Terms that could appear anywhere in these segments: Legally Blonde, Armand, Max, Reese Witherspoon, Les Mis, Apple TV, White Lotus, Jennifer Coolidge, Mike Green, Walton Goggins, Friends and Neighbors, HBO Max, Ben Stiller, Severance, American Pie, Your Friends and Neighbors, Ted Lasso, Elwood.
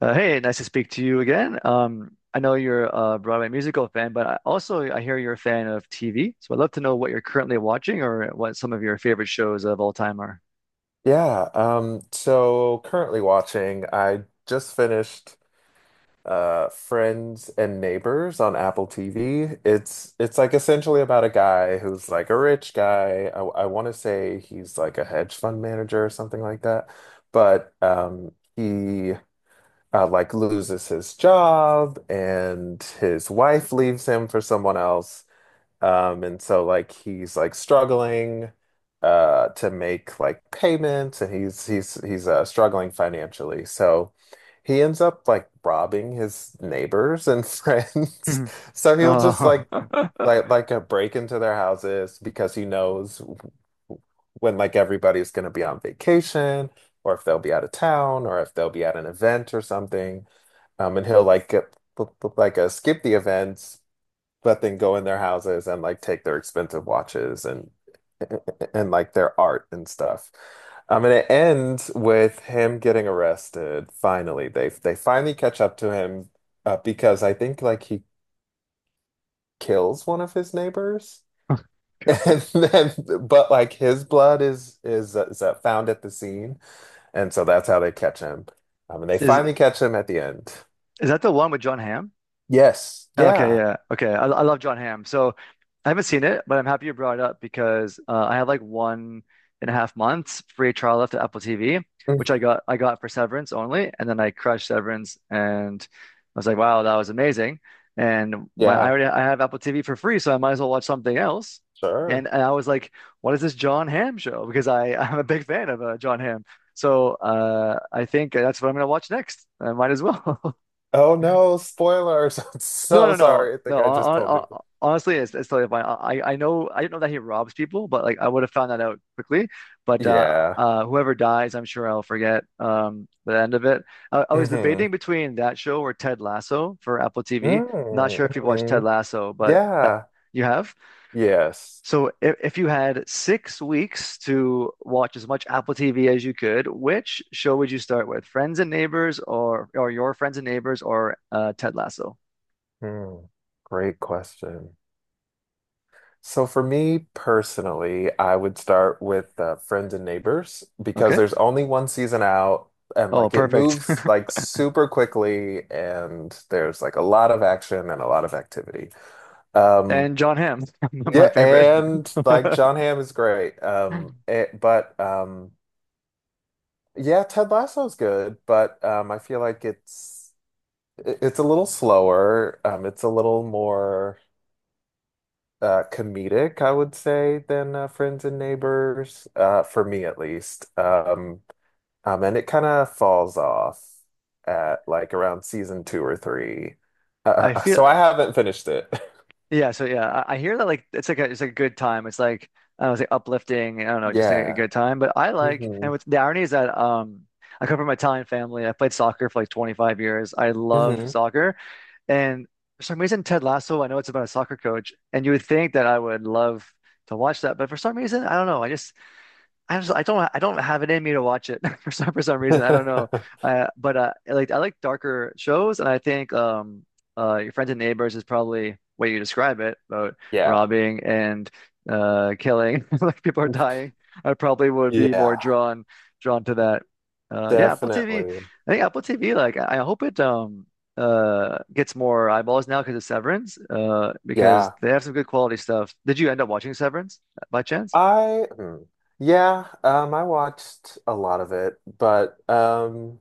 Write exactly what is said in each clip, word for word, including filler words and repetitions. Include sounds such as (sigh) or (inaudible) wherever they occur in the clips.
Uh, hey, nice to speak to you again. Um, I know you're a Broadway musical fan, but I also I hear you're a fan of T V. So I'd love to know what you're currently watching or what some of your favorite shows of all time are. Yeah, um, so currently watching, I just finished uh Friends and Neighbors on Apple T V. It's it's like essentially about a guy who's like a rich guy. I, I want to say he's like a hedge fund manager or something like that. But um he uh, like loses his job and his wife leaves him for someone else. Um, and so like he's like struggling uh to make like payments and he's he's he's uh struggling financially. So he ends up like robbing his neighbors and (laughs) friends. Mhm. So he'll just Oh, like like like uh, break into their houses because he knows when like everybody's going to be on vacation or if they'll be out of town or if they'll be at an event or something. Um, and he'll like get, like like, uh, skip the events but then go in their houses and like take their expensive watches and and like their art and stuff. Um, and it ends with him getting arrested. Finally, they they finally catch up to him uh, because I think like he kills one of his neighbors, (laughs) (laughs) and then but like his blood is is uh, is uh, found at the scene, and so that's how they catch him. Um, and they is finally catch him at the end. is that the one with John Hamm? Yes, Okay, yeah. yeah. Okay. I, I love John Hamm. So I haven't seen it, but I'm happy you brought it up because uh, I had like one and a half months free trial left at Apple T V, which Mhm. I got I got for Severance only, and then I crushed Severance and I was like, wow, that was amazing. And my I Yeah, already I have Apple T V for free, so I might as well watch something else. And, sure. and I was like, what is this John Hamm show? (laughs) Because I I'm a big fan of uh, John Hamm. So uh, I think that's what I'm gonna watch next. I might as well. (laughs) Oh no, spoilers. (laughs) I'm No, so no, no, sorry. I think no. I just hon- told hon- you. hon- Honestly, it's, it's totally fine. I, I know I don't know that he robs people, but like I would have found that out quickly. But uh, Yeah. uh, whoever dies, I'm sure I'll forget um, the end of it. I, I was debating Mm-hmm. between that show or Ted Lasso for Apple T V. Not Mm. sure if you watched Ted Mm-hmm. Lasso, but that, Yeah. you have. Yes. So if, if you had six weeks to watch as much Apple T V as you could, which show would you start with? Friends and Neighbors, or or Your Friends and Neighbors, or uh, Ted Lasso? Mm. Great question. So for me personally, I would start with uh, Friends and Neighbors because Okay. there's only one season out and Oh, like it perfect. moves (laughs) like super quickly and there's like a lot of action and a lot of activity. Um And John Hamm, (laughs) my yeah, favorite. and like John Hamm is great. Um (laughs) it, but um Yeah, Ted Lasso's good, but um, I feel like it's it- it's a little slower. Um, it's a little more uh, comedic, I would say, than uh, Friends and Neighbors, uh, for me at least. Um, um, and it kind of falls off at like around season two or three. Uh, I uh, So I feel haven't finished it. (laughs) Yeah, so yeah, I, I hear that like it's like a it's like a good time. It's like I don't know, it's like uplifting, I don't know, just like a Yeah. good time. But I like, Hmm. and with the irony is that um I come from an Italian family. I played soccer for like twenty-five years. I love Hmm. soccer. And for some reason, Ted Lasso, I know it's about a soccer coach, and you would think that I would love to watch that, but for some reason, I don't know. I just I just I don't I don't have it in me to watch it (laughs) for some for some reason I don't know, (laughs) uh, but uh, I like I like darker shows and I think um uh Your Friends and Neighbors is probably way you describe it, about Yeah. robbing and uh killing. (laughs) Like people are dying, I probably would be more Yeah, drawn drawn to that. Uh yeah, Apple T V. definitely. I think Apple T V, like I I hope it um uh gets more eyeballs now because of Severance, uh because Yeah. they have some good quality stuff. Did you end up watching Severance by chance? I hmm. Yeah, um I watched a lot of it, but um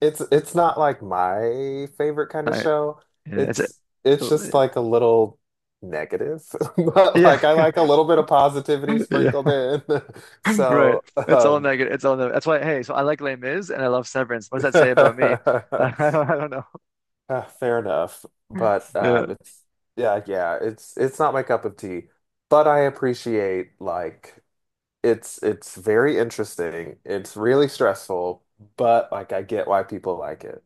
it's it's not like my favorite kind of show. Yeah, it's a, It's it's just like a little negative, (laughs) but yeah, like I like a little bit of positivity (laughs) yeah, sprinkled in. (laughs) right. So, It's all um negative. It's all negative. That's why. Hey, so I like Les Mis and I love Severance. What does (laughs) that say about me? (laughs) uh, I don't, I don't fair enough, but um know. it's yeah, yeah, it's it's not my cup of tea, but I appreciate like It's it's very interesting. It's really stressful, but like I get why people like it.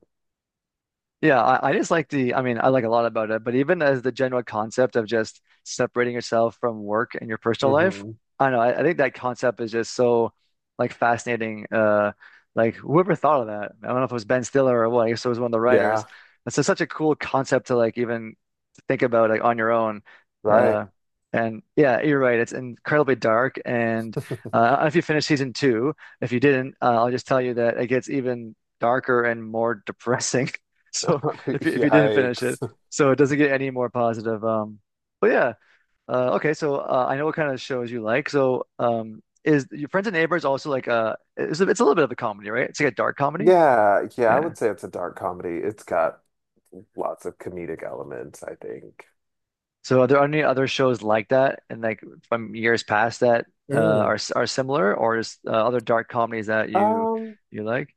Yeah, I, I just like the, I mean, I like a lot about it, but even as the general concept of just separating yourself from work and your personal life, Hmm. I don't know, I, I think that concept is just so like fascinating. Uh, like whoever thought of that? I don't know if it was Ben Stiller or what. I guess it was one of the writers. Yeah, It's just such a cool concept to like even think about like on your own. right. Uh, and yeah, you're right. It's incredibly dark. And uh, I (laughs) don't know if you finished season two, if you didn't, uh, I'll just tell you that it gets even darker and more (laughs) depressing. (laughs) So if you, if you didn't finish it, Yikes. so it doesn't get any more positive. Um, but yeah, uh, okay. So uh, I know what kind of shows you like. So um, is Your Friends and Neighbors also like uh, it's a, it's a little bit of a comedy, right? It's like a dark comedy. Yeah, yeah, I Yeah. would say it's a dark comedy. It's got lots of comedic elements, I think. So are there any other shows like that, and like from years past that uh, are Mm. s- are similar, or is uh, other dark comedies that you Um, you like?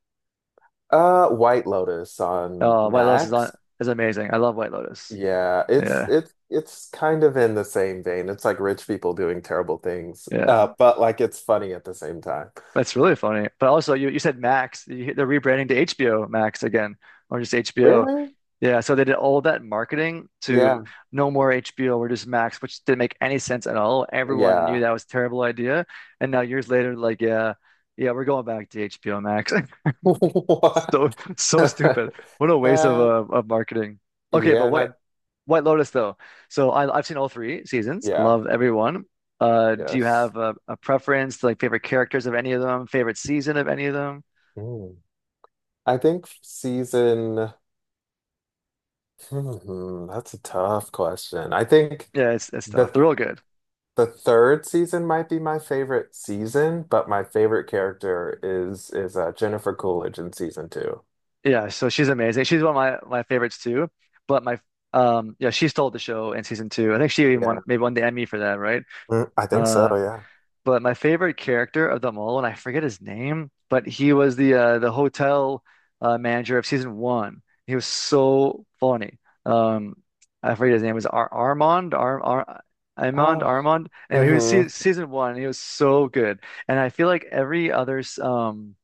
uh, White Lotus on Oh, White Lotus is on Max. is amazing. I love White Lotus. Yeah, it's Yeah. it's it's kind of in the same vein. It's like rich people doing terrible things, uh, Yeah. but like it's funny at the same time. That's really funny. But also, you, you said Max. You, they're rebranding to H B O Max again, or just H B O. Really? Yeah, so they did all that marketing to Yeah. no more H B O, we're just Max, which didn't make any sense at all. Everyone knew Yeah. that was a terrible idea. And now years later, like, yeah, yeah, we're going back to H B O Max. (laughs) (laughs) What? So so stupid. What a (laughs) waste of That, uh, of marketing. Okay, but yeah, and I, what White Lotus though. So I, I've seen all three seasons. yeah, Love everyone. Uh, do you yes. have a, a preference, like favorite characters of any of them, favorite season of any of them? Hmm. I think season, hmm, that's a tough question. I think Yeah, it's it's tough. the They're all good. the third season might be my favorite season, but my favorite character is is uh, Jennifer Coolidge in season two. Yeah, so she's amazing. She's one of my my favorites too. But my um yeah, she stole the show in season two. I think she even won, Yeah. maybe won the Emmy for that, right? Mm, I think so, Uh yeah. But my favorite character of them all, and I forget his name, but he was the uh, the hotel uh, manager of season one. He was so funny. Um, I forget his name. It was Ar Armand, Ar Ar Armand, Oh. Armand. Anyway, he was se Mm-hmm. season one. And he was so good, and I feel like every other um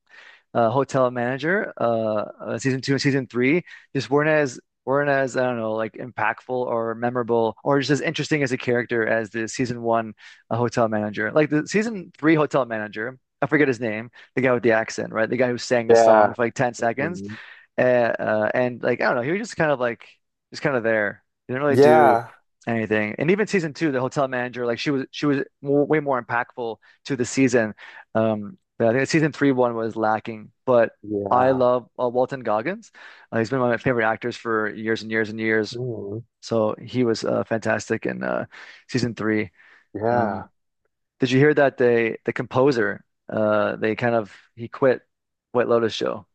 uh, Hotel Manager, uh, uh, season two and season three, just weren't as weren't as I don't know, like impactful or memorable or just as interesting as a character as the season one uh, Hotel Manager. Like the season three Hotel Manager, I forget his name, the guy with the accent, right? The guy who sang the song Yeah. for like ten seconds. Mhm. Uh, uh, and like I don't know, he was just kind of like just kind of there. He didn't really do Yeah. anything. And even season two, the hotel manager, like she was she was more, way more impactful to the season. Um, but I think season three one was lacking. But I Yeah. love uh, Walton Goggins. Uh, he's been one of my favorite actors for years and years and years. Mhm. So he was uh, fantastic in uh, season three. Yeah. Um, did you hear that they the composer, uh, they kind of he quit White Lotus show?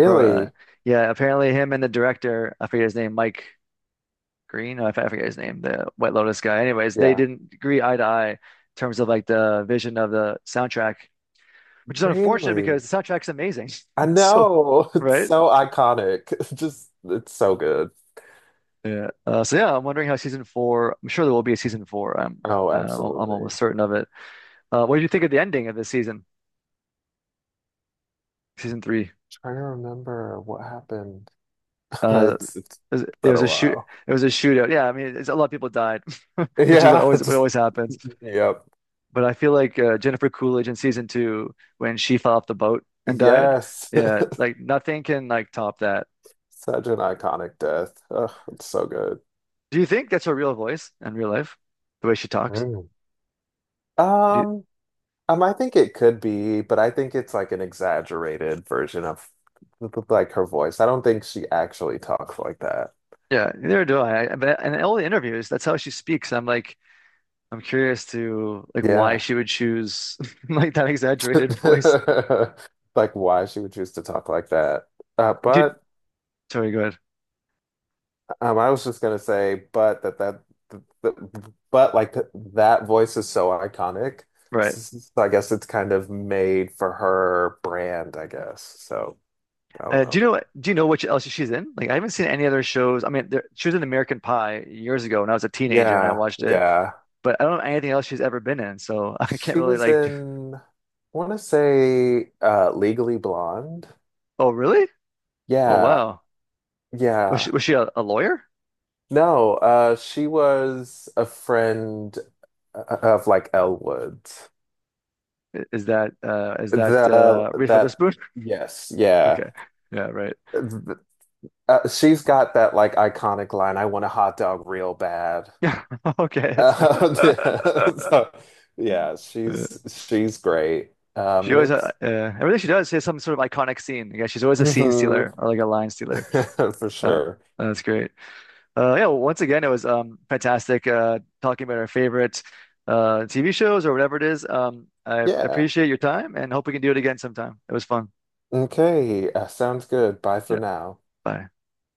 Pro, uh, yeah, apparently him and the director, I forget his name, Mike Green, I forget his name, the White Lotus guy. Anyways, they Yeah. didn't agree eye to eye in terms of like the vision of the soundtrack, which is unfortunate Really? because the soundtrack's amazing. (laughs) I It's so know. (laughs) It's right. so iconic. (laughs) It's just, it's so good. Yeah. Uh, so yeah, I'm wondering how season four. I'm sure there will be a season four. I'm Oh, uh, I'm almost absolutely. certain of it. Uh, what did you think of the ending of this season, season three? Trying to remember what happened. (laughs) Uh, It's it's it was it been was a a shoot. while. It was a shootout. Yeah, I mean, it's, a lot of people died, (laughs) which is what Yeah, always (laughs) what just always happens. yep. But I feel like uh, Jennifer Coolidge in season two, when she fell off the boat and died, Yes. yeah, (laughs) like nothing can like top that. Such an iconic death. Ugh, it's so good. Do you think that's her real voice in real life, the way she talks? Mm. Do you- Um, um, I think it could be, but I think it's like an exaggerated version of like her voice. I don't think she actually talks like that. yeah, neither do I. I but in all the interviews, that's how she speaks. I'm like, I'm curious to like why Yeah. she would choose (laughs) like that exaggerated voice. (laughs) Like why she would choose to talk like that. Uh, Do you, But sorry, go ahead. um, I was just gonna say, but that that, th- th- but like th that voice is so iconic. Right. S- s- So I guess it's kind of made for her brand, I guess. So I don't Uh, do know. you know do you know what else she's in? Like I haven't seen any other shows. I mean, there, she was in American Pie years ago when I was a teenager and I Yeah, watched it, yeah. but I don't know anything else she's ever been in, so (laughs) I can't She really was like. (laughs) in, I want to say, uh, Legally Blonde. Oh, really? Oh, Yeah, wow. Was she yeah. was she a, a lawyer? No, uh, she was a friend uh, uh, of like Elwood. I- Is that uh is that The uh Reese that Witherspoon? (laughs) yes, yeah. Okay, yeah, right. Th- Uh, she's got that like iconic line, "I want a hot dog real bad." Yeah, (laughs) okay. That's... Uh, (laughs) (laughs) yeah, so, yeah, Uh, she's she's great. Um, She And always uh, it's uh, everything she does, she has some sort of iconic scene. Yeah, she's always a scene mhm, stealer or like a line stealer. (laughs) for Uh, sure. uh, that's great. Uh, yeah, well, once again, it was um fantastic uh talking about our favorite uh T V shows or whatever it is. Um, I Yeah. appreciate your time and hope we can do it again sometime. It was fun. Okay. Uh, sounds good. Bye for Yeah. now. Bye.